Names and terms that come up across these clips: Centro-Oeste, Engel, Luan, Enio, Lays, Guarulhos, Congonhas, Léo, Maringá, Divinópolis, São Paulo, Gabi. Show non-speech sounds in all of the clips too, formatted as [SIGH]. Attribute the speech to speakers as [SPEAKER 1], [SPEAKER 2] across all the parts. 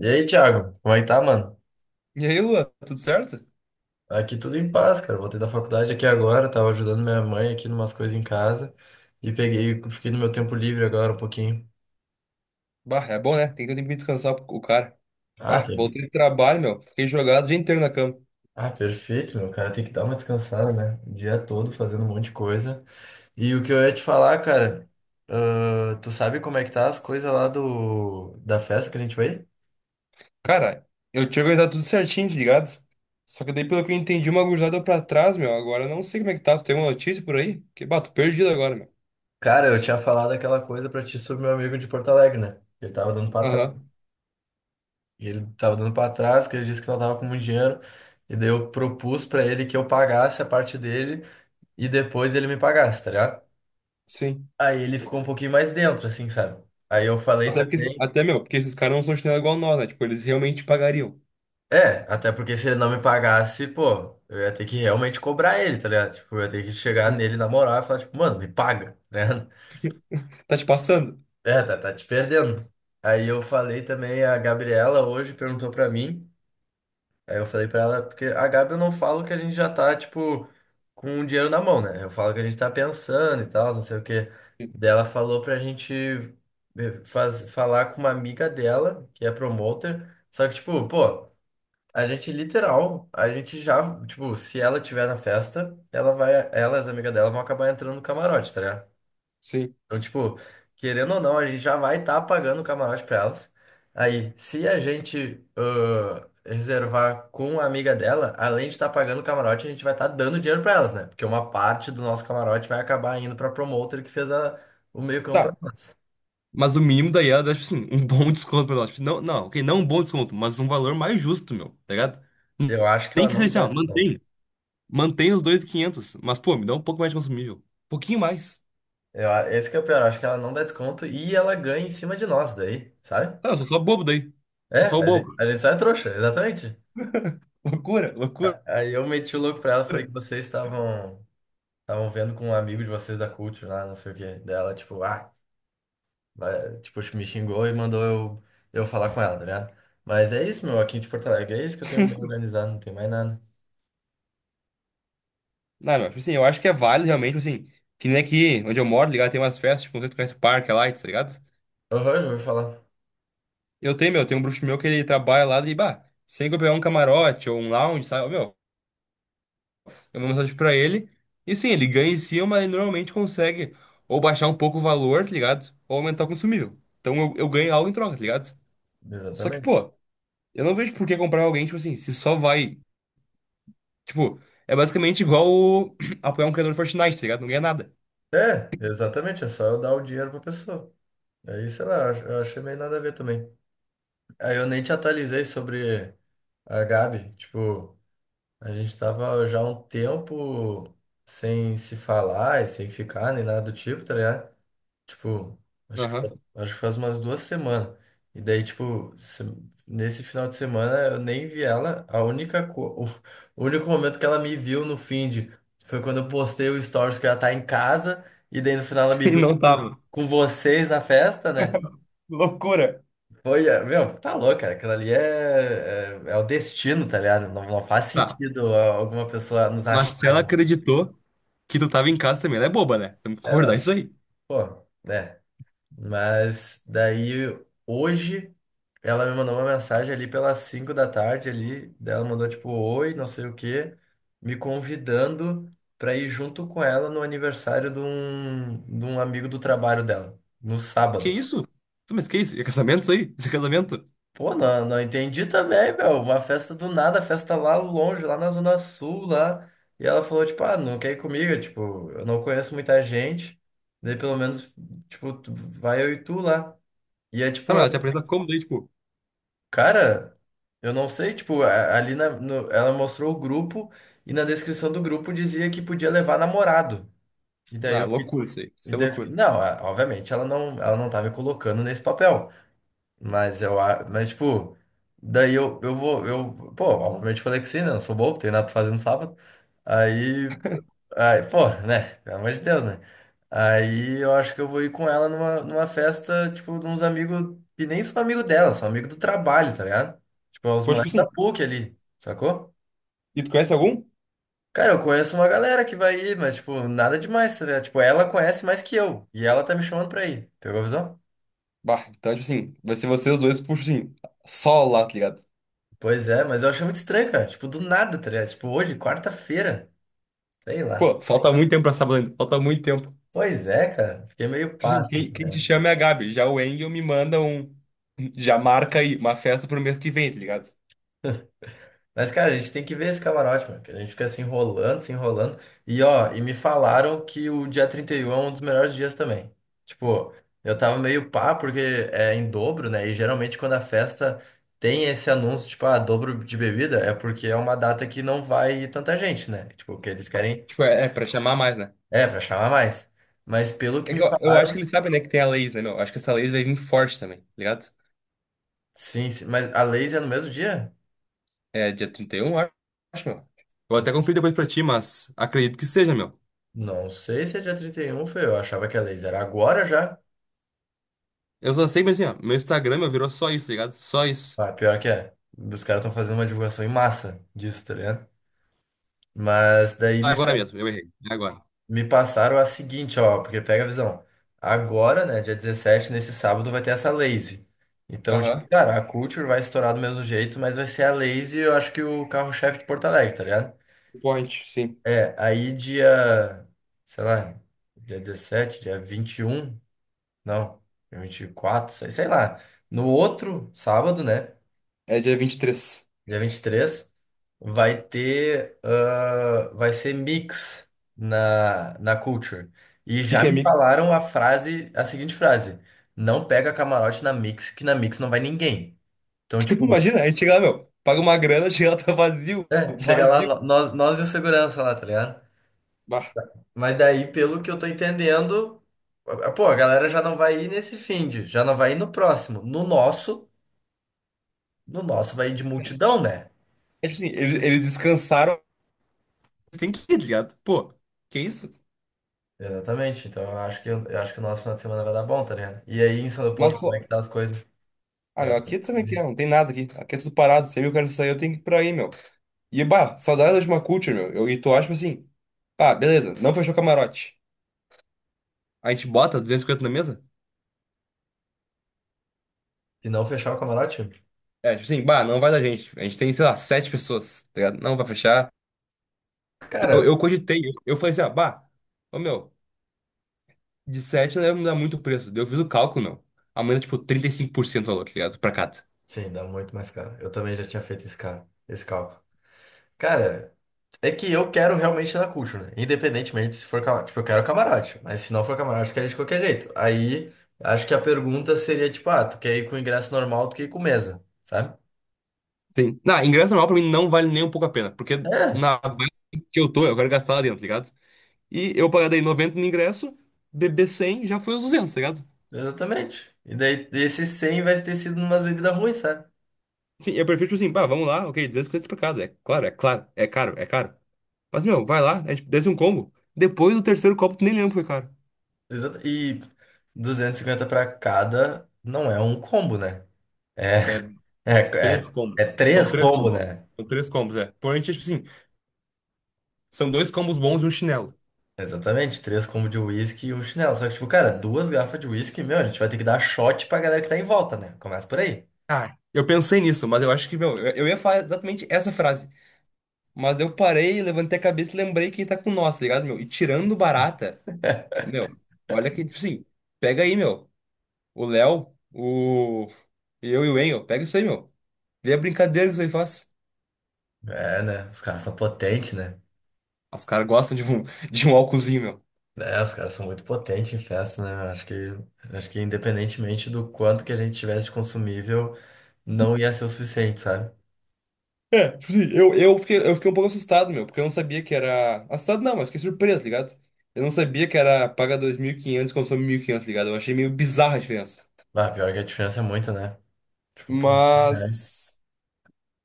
[SPEAKER 1] E aí, Thiago, como é que tá, mano?
[SPEAKER 2] E aí, Luan, tudo certo?
[SPEAKER 1] Aqui tudo em paz, cara. Voltei da faculdade aqui agora, tava ajudando minha mãe aqui numas coisas em casa e peguei, fiquei no meu tempo livre agora um pouquinho.
[SPEAKER 2] Bah, é bom, né? Tem que ter tempo de descansar o cara.
[SPEAKER 1] Ah,
[SPEAKER 2] Bah,
[SPEAKER 1] tem-
[SPEAKER 2] voltei do trabalho, meu. Fiquei jogado o dia inteiro na cama.
[SPEAKER 1] ah, perfeito, meu cara. Tem que dar uma descansada, né? O dia todo fazendo um monte de coisa. E o que eu ia te falar, cara, tu sabe como é que tá as coisas lá do da festa que a gente foi?
[SPEAKER 2] Cara, eu tinha organizado tudo certinho, tá ligado? Só que daí, pelo que eu entendi, uma gurizada deu pra trás, meu. Agora eu não sei como é que tá. Tu tem uma notícia por aí? Que, bah, tô perdido agora, meu.
[SPEAKER 1] Cara, eu tinha falado aquela coisa pra ti sobre meu amigo de Porto Alegre, né? Ele tava dando pra
[SPEAKER 2] Aham,
[SPEAKER 1] E ele tava dando pra trás, que ele disse que não tava com muito dinheiro. E daí eu propus pra ele que eu pagasse a parte dele e depois ele me pagasse, tá ligado?
[SPEAKER 2] sim.
[SPEAKER 1] Aí ele ficou um pouquinho mais dentro, assim, sabe? Aí eu falei
[SPEAKER 2] Até porque,
[SPEAKER 1] também.
[SPEAKER 2] até, meu, porque esses caras não são chinelo igual nós, né? Tipo, eles realmente pagariam.
[SPEAKER 1] É, até porque se ele não me pagasse, pô, eu ia ter que realmente cobrar ele, tá ligado? Tipo, eu ia ter que chegar
[SPEAKER 2] Sim.
[SPEAKER 1] nele na moral e falar, tipo, mano, me paga, tá ligado? [LAUGHS]
[SPEAKER 2] Tá te passando?
[SPEAKER 1] É, tá, tá te perdendo. Aí eu falei também, a Gabriela hoje perguntou pra mim. Aí eu falei pra ela, porque a Gabi eu não falo que a gente já tá, tipo, com o dinheiro na mão, né? Eu falo que a gente tá pensando e tal, não sei o quê.
[SPEAKER 2] Sim.
[SPEAKER 1] Daí ela falou pra gente falar com uma amiga dela, que é promoter. Só que, tipo, pô, a gente já, tipo, se ela tiver na festa, ela vai, ela e as amigas dela vão acabar entrando no camarote, tá ligado?
[SPEAKER 2] Sim.
[SPEAKER 1] Então, tipo, querendo ou não, a gente já vai estar pagando o camarote pra elas. Aí, se a gente reservar com a amiga dela, além de estar pagando o camarote, a gente vai estar dando dinheiro pra elas, né? Porque uma parte do nosso camarote vai acabar indo pra promotor que fez o meio-campo pra
[SPEAKER 2] Tá.
[SPEAKER 1] nós.
[SPEAKER 2] Mas o mínimo daí era, tipo assim, um bom [LAUGHS] desconto pra nós. Tipo, não, não, ok, não um bom desconto, mas um valor mais justo, meu, tá ligado?
[SPEAKER 1] Eu acho que
[SPEAKER 2] Nem
[SPEAKER 1] ela
[SPEAKER 2] que
[SPEAKER 1] não dá
[SPEAKER 2] seja assim, ó,
[SPEAKER 1] desconto.
[SPEAKER 2] mantém. Mantém os 2.500 mas, pô, me dá um pouco mais de consumível. Um pouquinho mais.
[SPEAKER 1] Esse que é o pior, eu acho que ela não dá desconto e ela ganha em cima de nós daí, sabe?
[SPEAKER 2] Tá, eu sou só bobo daí.
[SPEAKER 1] É,
[SPEAKER 2] Sou só o
[SPEAKER 1] a gente,
[SPEAKER 2] bobo.
[SPEAKER 1] a gente sai trouxa, exatamente.
[SPEAKER 2] [LAUGHS] Loucura, loucura.
[SPEAKER 1] Aí eu meti o louco pra ela, falei que vocês estavam vendo com um amigo de vocês da Culture lá, não sei o quê. Dela, tipo, me xingou e mandou eu falar com ela, tá ligado? Mas é isso, meu, aqui de Porto Alegre. É isso que eu tenho me organizado, não tem mais nada.
[SPEAKER 2] Não, não, tipo assim, eu acho que é válido realmente, tipo assim, que nem aqui onde eu moro, tá ligado? Tem umas festas, tipo, não sei se tu conhece o Parque lá, tá ligado?
[SPEAKER 1] Aham, já ouvi falar.
[SPEAKER 2] Eu tenho, meu, tem um bruxo meu que ele trabalha lá e, bah, sem que eu pegar um camarote ou um lounge, sabe? Ô, meu, é uma mensagem pra ele. E sim, ele ganha em cima, mas ele normalmente consegue ou baixar um pouco o valor, tá ligado? Ou aumentar o consumível. Então eu ganho algo em troca, tá ligado? Só que,
[SPEAKER 1] Exatamente.
[SPEAKER 2] pô, eu não vejo por que comprar alguém, tipo assim, se só vai. Tipo, é basicamente igual o- [CLEARS THROAT] apoiar um criador de Fortnite, tá ligado? Não ganha nada.
[SPEAKER 1] É, exatamente, é só eu dar o dinheiro pra pessoa. Aí, sei lá, eu achei meio nada a ver também. Aí eu nem te atualizei sobre a Gabi. Tipo, a gente tava já há um tempo sem se falar e sem ficar, nem nada do tipo, tá ligado? Tipo, acho que,
[SPEAKER 2] Aham. [LAUGHS]
[SPEAKER 1] acho que faz umas 2 semanas. E daí, tipo, nesse final de semana eu nem vi ela. [LAUGHS] O único momento que ela me viu no feed foi quando eu postei o stories que ela tá em casa. E daí no final ela me
[SPEAKER 2] E
[SPEAKER 1] viu
[SPEAKER 2] não tava.
[SPEAKER 1] com vocês na festa, né?
[SPEAKER 2] Loucura.
[SPEAKER 1] Foi, meu, tá louco, cara. Aquilo ali é o destino, tá ligado? Não, não faz
[SPEAKER 2] Tá.
[SPEAKER 1] sentido alguma pessoa nos achar.
[SPEAKER 2] Mas se ela acreditou que tu tava em casa também, ela é boba, né? Temos que
[SPEAKER 1] É,
[SPEAKER 2] concordar
[SPEAKER 1] não,
[SPEAKER 2] isso aí.
[SPEAKER 1] pô, né? Mas daí hoje ela me mandou uma mensagem ali pelas 5 da tarde ali, daí ela mandou tipo oi, não sei o quê, me convidando pra ir junto com ela no aniversário de um amigo do trabalho dela, no
[SPEAKER 2] Que
[SPEAKER 1] sábado.
[SPEAKER 2] isso? Tá, mas que isso? É casamento isso aí? Isso é casamento?
[SPEAKER 1] Pô, não, não entendi também, meu, uma festa do nada, festa lá longe, lá na Zona Sul, lá. E ela falou, tipo, não quer ir comigo. Eu, tipo, eu não conheço muita gente, daí pelo menos, tipo, vai eu e tu lá. E é
[SPEAKER 2] Tá,
[SPEAKER 1] tipo,
[SPEAKER 2] mas
[SPEAKER 1] é
[SPEAKER 2] ela te apresenta como daí, tipo.
[SPEAKER 1] Cara, eu não sei, tipo, a- ali na, no- ela mostrou o grupo e na descrição do grupo dizia que podia levar namorado. E daí
[SPEAKER 2] Na,
[SPEAKER 1] eu fiquei,
[SPEAKER 2] loucura isso aí.
[SPEAKER 1] e
[SPEAKER 2] Isso é
[SPEAKER 1] daí eu fiquei,
[SPEAKER 2] loucura.
[SPEAKER 1] não, obviamente ela não, tá me colocando nesse papel, mas mas tipo, daí eu vou, pô, obviamente falei que sim, né? Não sou bobo, tenho nada pra fazer no sábado. Aí Aí, pô, né? Pelo amor de Deus, né? Aí eu acho que eu vou ir com ela numa festa, tipo, de uns amigos que nem são amigo dela, são amigo do trabalho, tá ligado? Tipo, é os
[SPEAKER 2] Pô, tipo
[SPEAKER 1] moleques da
[SPEAKER 2] assim,
[SPEAKER 1] PUC ali, sacou?
[SPEAKER 2] e tu conhece algum?
[SPEAKER 1] Cara, eu conheço uma galera que vai ir, mas, tipo, nada demais, tá ligado? Tipo, ela conhece mais que eu, e ela tá me chamando pra ir. Pegou a visão?
[SPEAKER 2] Bah, então, tipo assim, vai ser vocês dois, por, tipo assim, só lá, tá ligado?
[SPEAKER 1] Pois é, mas eu achei muito estranho, cara. Tipo, do nada, tá ligado? Tipo, hoje, quarta-feira, sei lá.
[SPEAKER 2] Pô, falta muito tempo pra sábado ainda, falta muito tempo.
[SPEAKER 1] Pois é, cara. Fiquei meio
[SPEAKER 2] Tipo
[SPEAKER 1] pá
[SPEAKER 2] assim,
[SPEAKER 1] assim.
[SPEAKER 2] quem te chama é a Gabi, já o Engel me manda um. Já marca aí, uma festa pro mês que vem, tá ligado?
[SPEAKER 1] Mas, cara, a gente tem que ver esse camarote, mano, que a gente fica se enrolando, se enrolando. E, ó, me falaram que o dia 31 é um dos melhores dias também. Tipo, eu tava meio pá, porque é em dobro, né? E geralmente quando a festa tem esse anúncio, tipo, dobro de bebida, é porque é uma data que não vai tanta gente, né? Tipo, que eles querem.
[SPEAKER 2] Tipo, é pra chamar mais, né?
[SPEAKER 1] É, pra chamar mais. Mas pelo que
[SPEAKER 2] É
[SPEAKER 1] me
[SPEAKER 2] que eu acho que
[SPEAKER 1] falaram,
[SPEAKER 2] eles sabem, né, que tem a Lays, né, meu? Acho que essa Lays vai vir forte também, tá ligado?
[SPEAKER 1] sim, sim. Mas a Lays é no mesmo dia?
[SPEAKER 2] É dia 31, eu acho, meu. Vou até conferir depois pra ti, mas acredito que seja, meu.
[SPEAKER 1] Não sei se é dia 31 foi. Eu achava que a Lays era agora já.
[SPEAKER 2] Eu só sei, mas assim, ó, meu Instagram, meu, virou só isso, tá ligado? Só isso.
[SPEAKER 1] Ah, pior que é. Os caras estão fazendo uma divulgação em massa disso, tá ligado? Mas daí me,
[SPEAKER 2] Agora mesmo, eu errei. É agora.
[SPEAKER 1] me passaram a seguinte, ó, porque pega a visão. Agora, né, dia 17 nesse sábado, vai ter essa Lazy. Então,
[SPEAKER 2] Aham.
[SPEAKER 1] tipo, cara, a Culture vai estourar do mesmo jeito, mas vai ser a Lazy, eu acho que o carro-chefe de Porto Alegre, tá ligado?
[SPEAKER 2] Point, sim.
[SPEAKER 1] É, aí dia, sei lá, dia 17 dia 21 não, dia 24, sei lá. No outro sábado, né?
[SPEAKER 2] É dia 23.
[SPEAKER 1] dia 23 vai ser mix na Culture. E
[SPEAKER 2] O que
[SPEAKER 1] já
[SPEAKER 2] que é
[SPEAKER 1] me
[SPEAKER 2] mix?
[SPEAKER 1] falaram a frase, a seguinte frase: não pega camarote na mix, que na mix não vai ninguém. Então,
[SPEAKER 2] [LAUGHS]
[SPEAKER 1] tipo,
[SPEAKER 2] Imagina, a gente chega lá, meu. Paga uma grana, [LAUGHS] chega lá, tá vazio.
[SPEAKER 1] é, chega lá,
[SPEAKER 2] Vazio.
[SPEAKER 1] nós e o segurança lá, tá ligado?
[SPEAKER 2] Bah.
[SPEAKER 1] Mas daí, pelo que eu tô entendendo, pô, a galera já não vai ir nesse finde, já não vai ir no próximo. No nosso, vai ir de multidão, né?
[SPEAKER 2] É tipo assim, eles descansaram. Tem que ir, tá ligado? Pô, que isso?
[SPEAKER 1] Exatamente. Então eu acho que o nosso final de semana vai dar bom, tá ligado? E aí em São
[SPEAKER 2] Mas,
[SPEAKER 1] Leopoldo, como é que
[SPEAKER 2] pô.
[SPEAKER 1] tá as coisas?
[SPEAKER 2] Ah,
[SPEAKER 1] Pra
[SPEAKER 2] meu,
[SPEAKER 1] [LAUGHS]
[SPEAKER 2] aqui tu sabe o que é, não tem nada aqui. Aqui é tudo parado. Se eu quero sair, eu tenho que ir pra aí, meu. E, bah, saudade da última culture, meu. E tu acha, tipo assim, pá, beleza, não fechou o camarote. A gente bota 250 na mesa?
[SPEAKER 1] se não fechar o camarote?
[SPEAKER 2] É, tipo assim, bah, não vai da gente. A gente tem, sei lá, sete pessoas, tá ligado? Não vai fechar. Eu,
[SPEAKER 1] Cara,
[SPEAKER 2] eu cogitei, eu falei assim, ah, bah, ô meu, de 7 não deve mudar muito o preço. Daí eu fiz o cálculo, meu. Aumenta, tipo, 35% o valor, tá ligado? Pra cada.
[SPEAKER 1] sim, dá muito mais caro. Eu também já tinha feito esse cara, esse cálculo. Cara, é que eu quero realmente ir na Cult, né? Independentemente se for camarote. Tipo, eu quero camarote, mas se não for camarote, eu quero ir de qualquer jeito. Aí acho que a pergunta seria tipo, tu quer ir com ingresso normal, tu quer ir com mesa, sabe?
[SPEAKER 2] Sim. Não, ingresso normal pra mim não vale nem um pouco a pena, porque
[SPEAKER 1] É,
[SPEAKER 2] na vibe que eu tô, eu quero gastar lá dentro, tá ligado? E eu pagar daí 90 no ingresso, beber 100 já foi os 200, tá ligado?
[SPEAKER 1] exatamente. E daí esses 100 vai ter sido umas bebidas ruins, sabe?
[SPEAKER 2] Sim, eu prefiro, tipo assim, bah, vamos lá, ok, 250 pra casa. É claro, é claro, é caro, é caro. Mas, meu, vai lá, é, tipo, desce um combo. Depois do terceiro copo, tu nem lembra que foi caro.
[SPEAKER 1] Exato. E 250 pra cada não é um combo, né? É,
[SPEAKER 2] É,
[SPEAKER 1] [LAUGHS] é,
[SPEAKER 2] três
[SPEAKER 1] é
[SPEAKER 2] combos. São
[SPEAKER 1] três
[SPEAKER 2] três
[SPEAKER 1] combo,
[SPEAKER 2] combos.
[SPEAKER 1] né?
[SPEAKER 2] São três combos, é. Porém, tipo assim, são dois combos bons e um chinelo.
[SPEAKER 1] Exatamente, três combo de uísque e um chinelo. Só que, tipo, cara, duas garrafas de uísque, meu, a gente vai ter que dar shot pra galera que tá em volta, né? Começa por aí.
[SPEAKER 2] Ah, eu pensei nisso, mas eu acho que, meu, eu ia falar exatamente essa frase. Mas eu parei, levantei a cabeça e lembrei que tá com nós, tá ligado, meu? E tirando barata, ô, meu, olha que, tipo assim, pega aí, meu. O Léo, o. Eu e o Enio, pega isso aí, meu. Vê a brincadeira que isso aí faz.
[SPEAKER 1] É, né? Os caras são potentes, né?
[SPEAKER 2] Os caras gostam de um, [LAUGHS] de um álcoolzinho, meu.
[SPEAKER 1] É, os caras são muito potentes em festa, né? Eu acho que independentemente do quanto que a gente tivesse de consumível, não ia ser o suficiente, sabe?
[SPEAKER 2] É, tipo assim, eu fiquei um pouco assustado, meu, porque eu não sabia que era. Assustado não, mas fiquei surpreso, tá ligado? Eu não sabia que era paga 2.500, e consome 1.500, tá ligado? Eu achei meio bizarra a diferença.
[SPEAKER 1] Ah, pior que a diferença é muito, né? Tipo, pô, é.
[SPEAKER 2] Mas.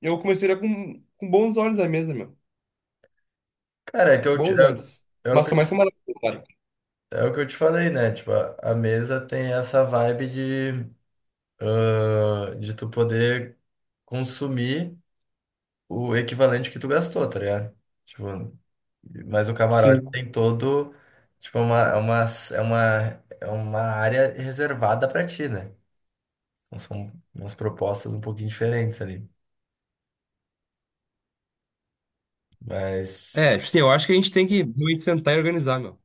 [SPEAKER 2] Eu comecei a olhar com bons olhos a mesa, meu.
[SPEAKER 1] Cara, é que
[SPEAKER 2] Bons olhos.
[SPEAKER 1] é, é o
[SPEAKER 2] Mas
[SPEAKER 1] que eu
[SPEAKER 2] sou mais camarada, claro.
[SPEAKER 1] É o que eu te falei, né? Tipo, a mesa tem essa vibe de tu poder consumir o equivalente que tu gastou, tá ligado? Tipo, mas o camarote
[SPEAKER 2] Sim.
[SPEAKER 1] tem todo, tipo, é uma área reservada pra ti, né? Então são umas propostas um pouquinho diferentes ali. Mas
[SPEAKER 2] É, tipo assim, eu acho que a gente tem que realmente sentar e organizar, meu.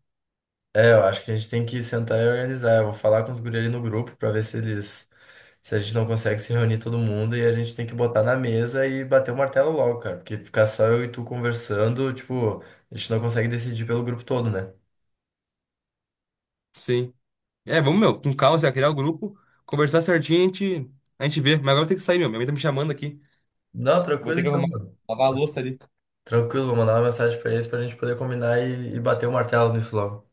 [SPEAKER 1] É, eu acho que a gente tem que sentar e organizar. Eu vou falar com os guri ali no grupo pra ver se eles. Se a gente não consegue se reunir todo mundo e a gente tem que botar na mesa e bater o martelo logo, cara. Porque ficar só eu e tu conversando, tipo, a gente não consegue decidir pelo grupo todo, né?
[SPEAKER 2] Sim. É, vamos, meu, com calma, assim, ó, criar o grupo, conversar certinho, a gente vê. Mas agora eu tenho que sair, meu. Minha mãe tá me chamando aqui.
[SPEAKER 1] Não,
[SPEAKER 2] Vou
[SPEAKER 1] tranquilo
[SPEAKER 2] ter que
[SPEAKER 1] então,
[SPEAKER 2] arrumar,
[SPEAKER 1] mano.
[SPEAKER 2] lavar a louça ali.
[SPEAKER 1] Tranquilo, vou mandar uma mensagem pra eles pra gente poder combinar e bater o martelo nisso logo.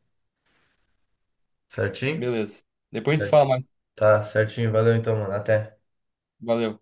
[SPEAKER 1] Certinho?
[SPEAKER 2] Beleza. Depois a gente se fala mais.
[SPEAKER 1] Tá, certinho. Valeu então, mano. Até.
[SPEAKER 2] Valeu.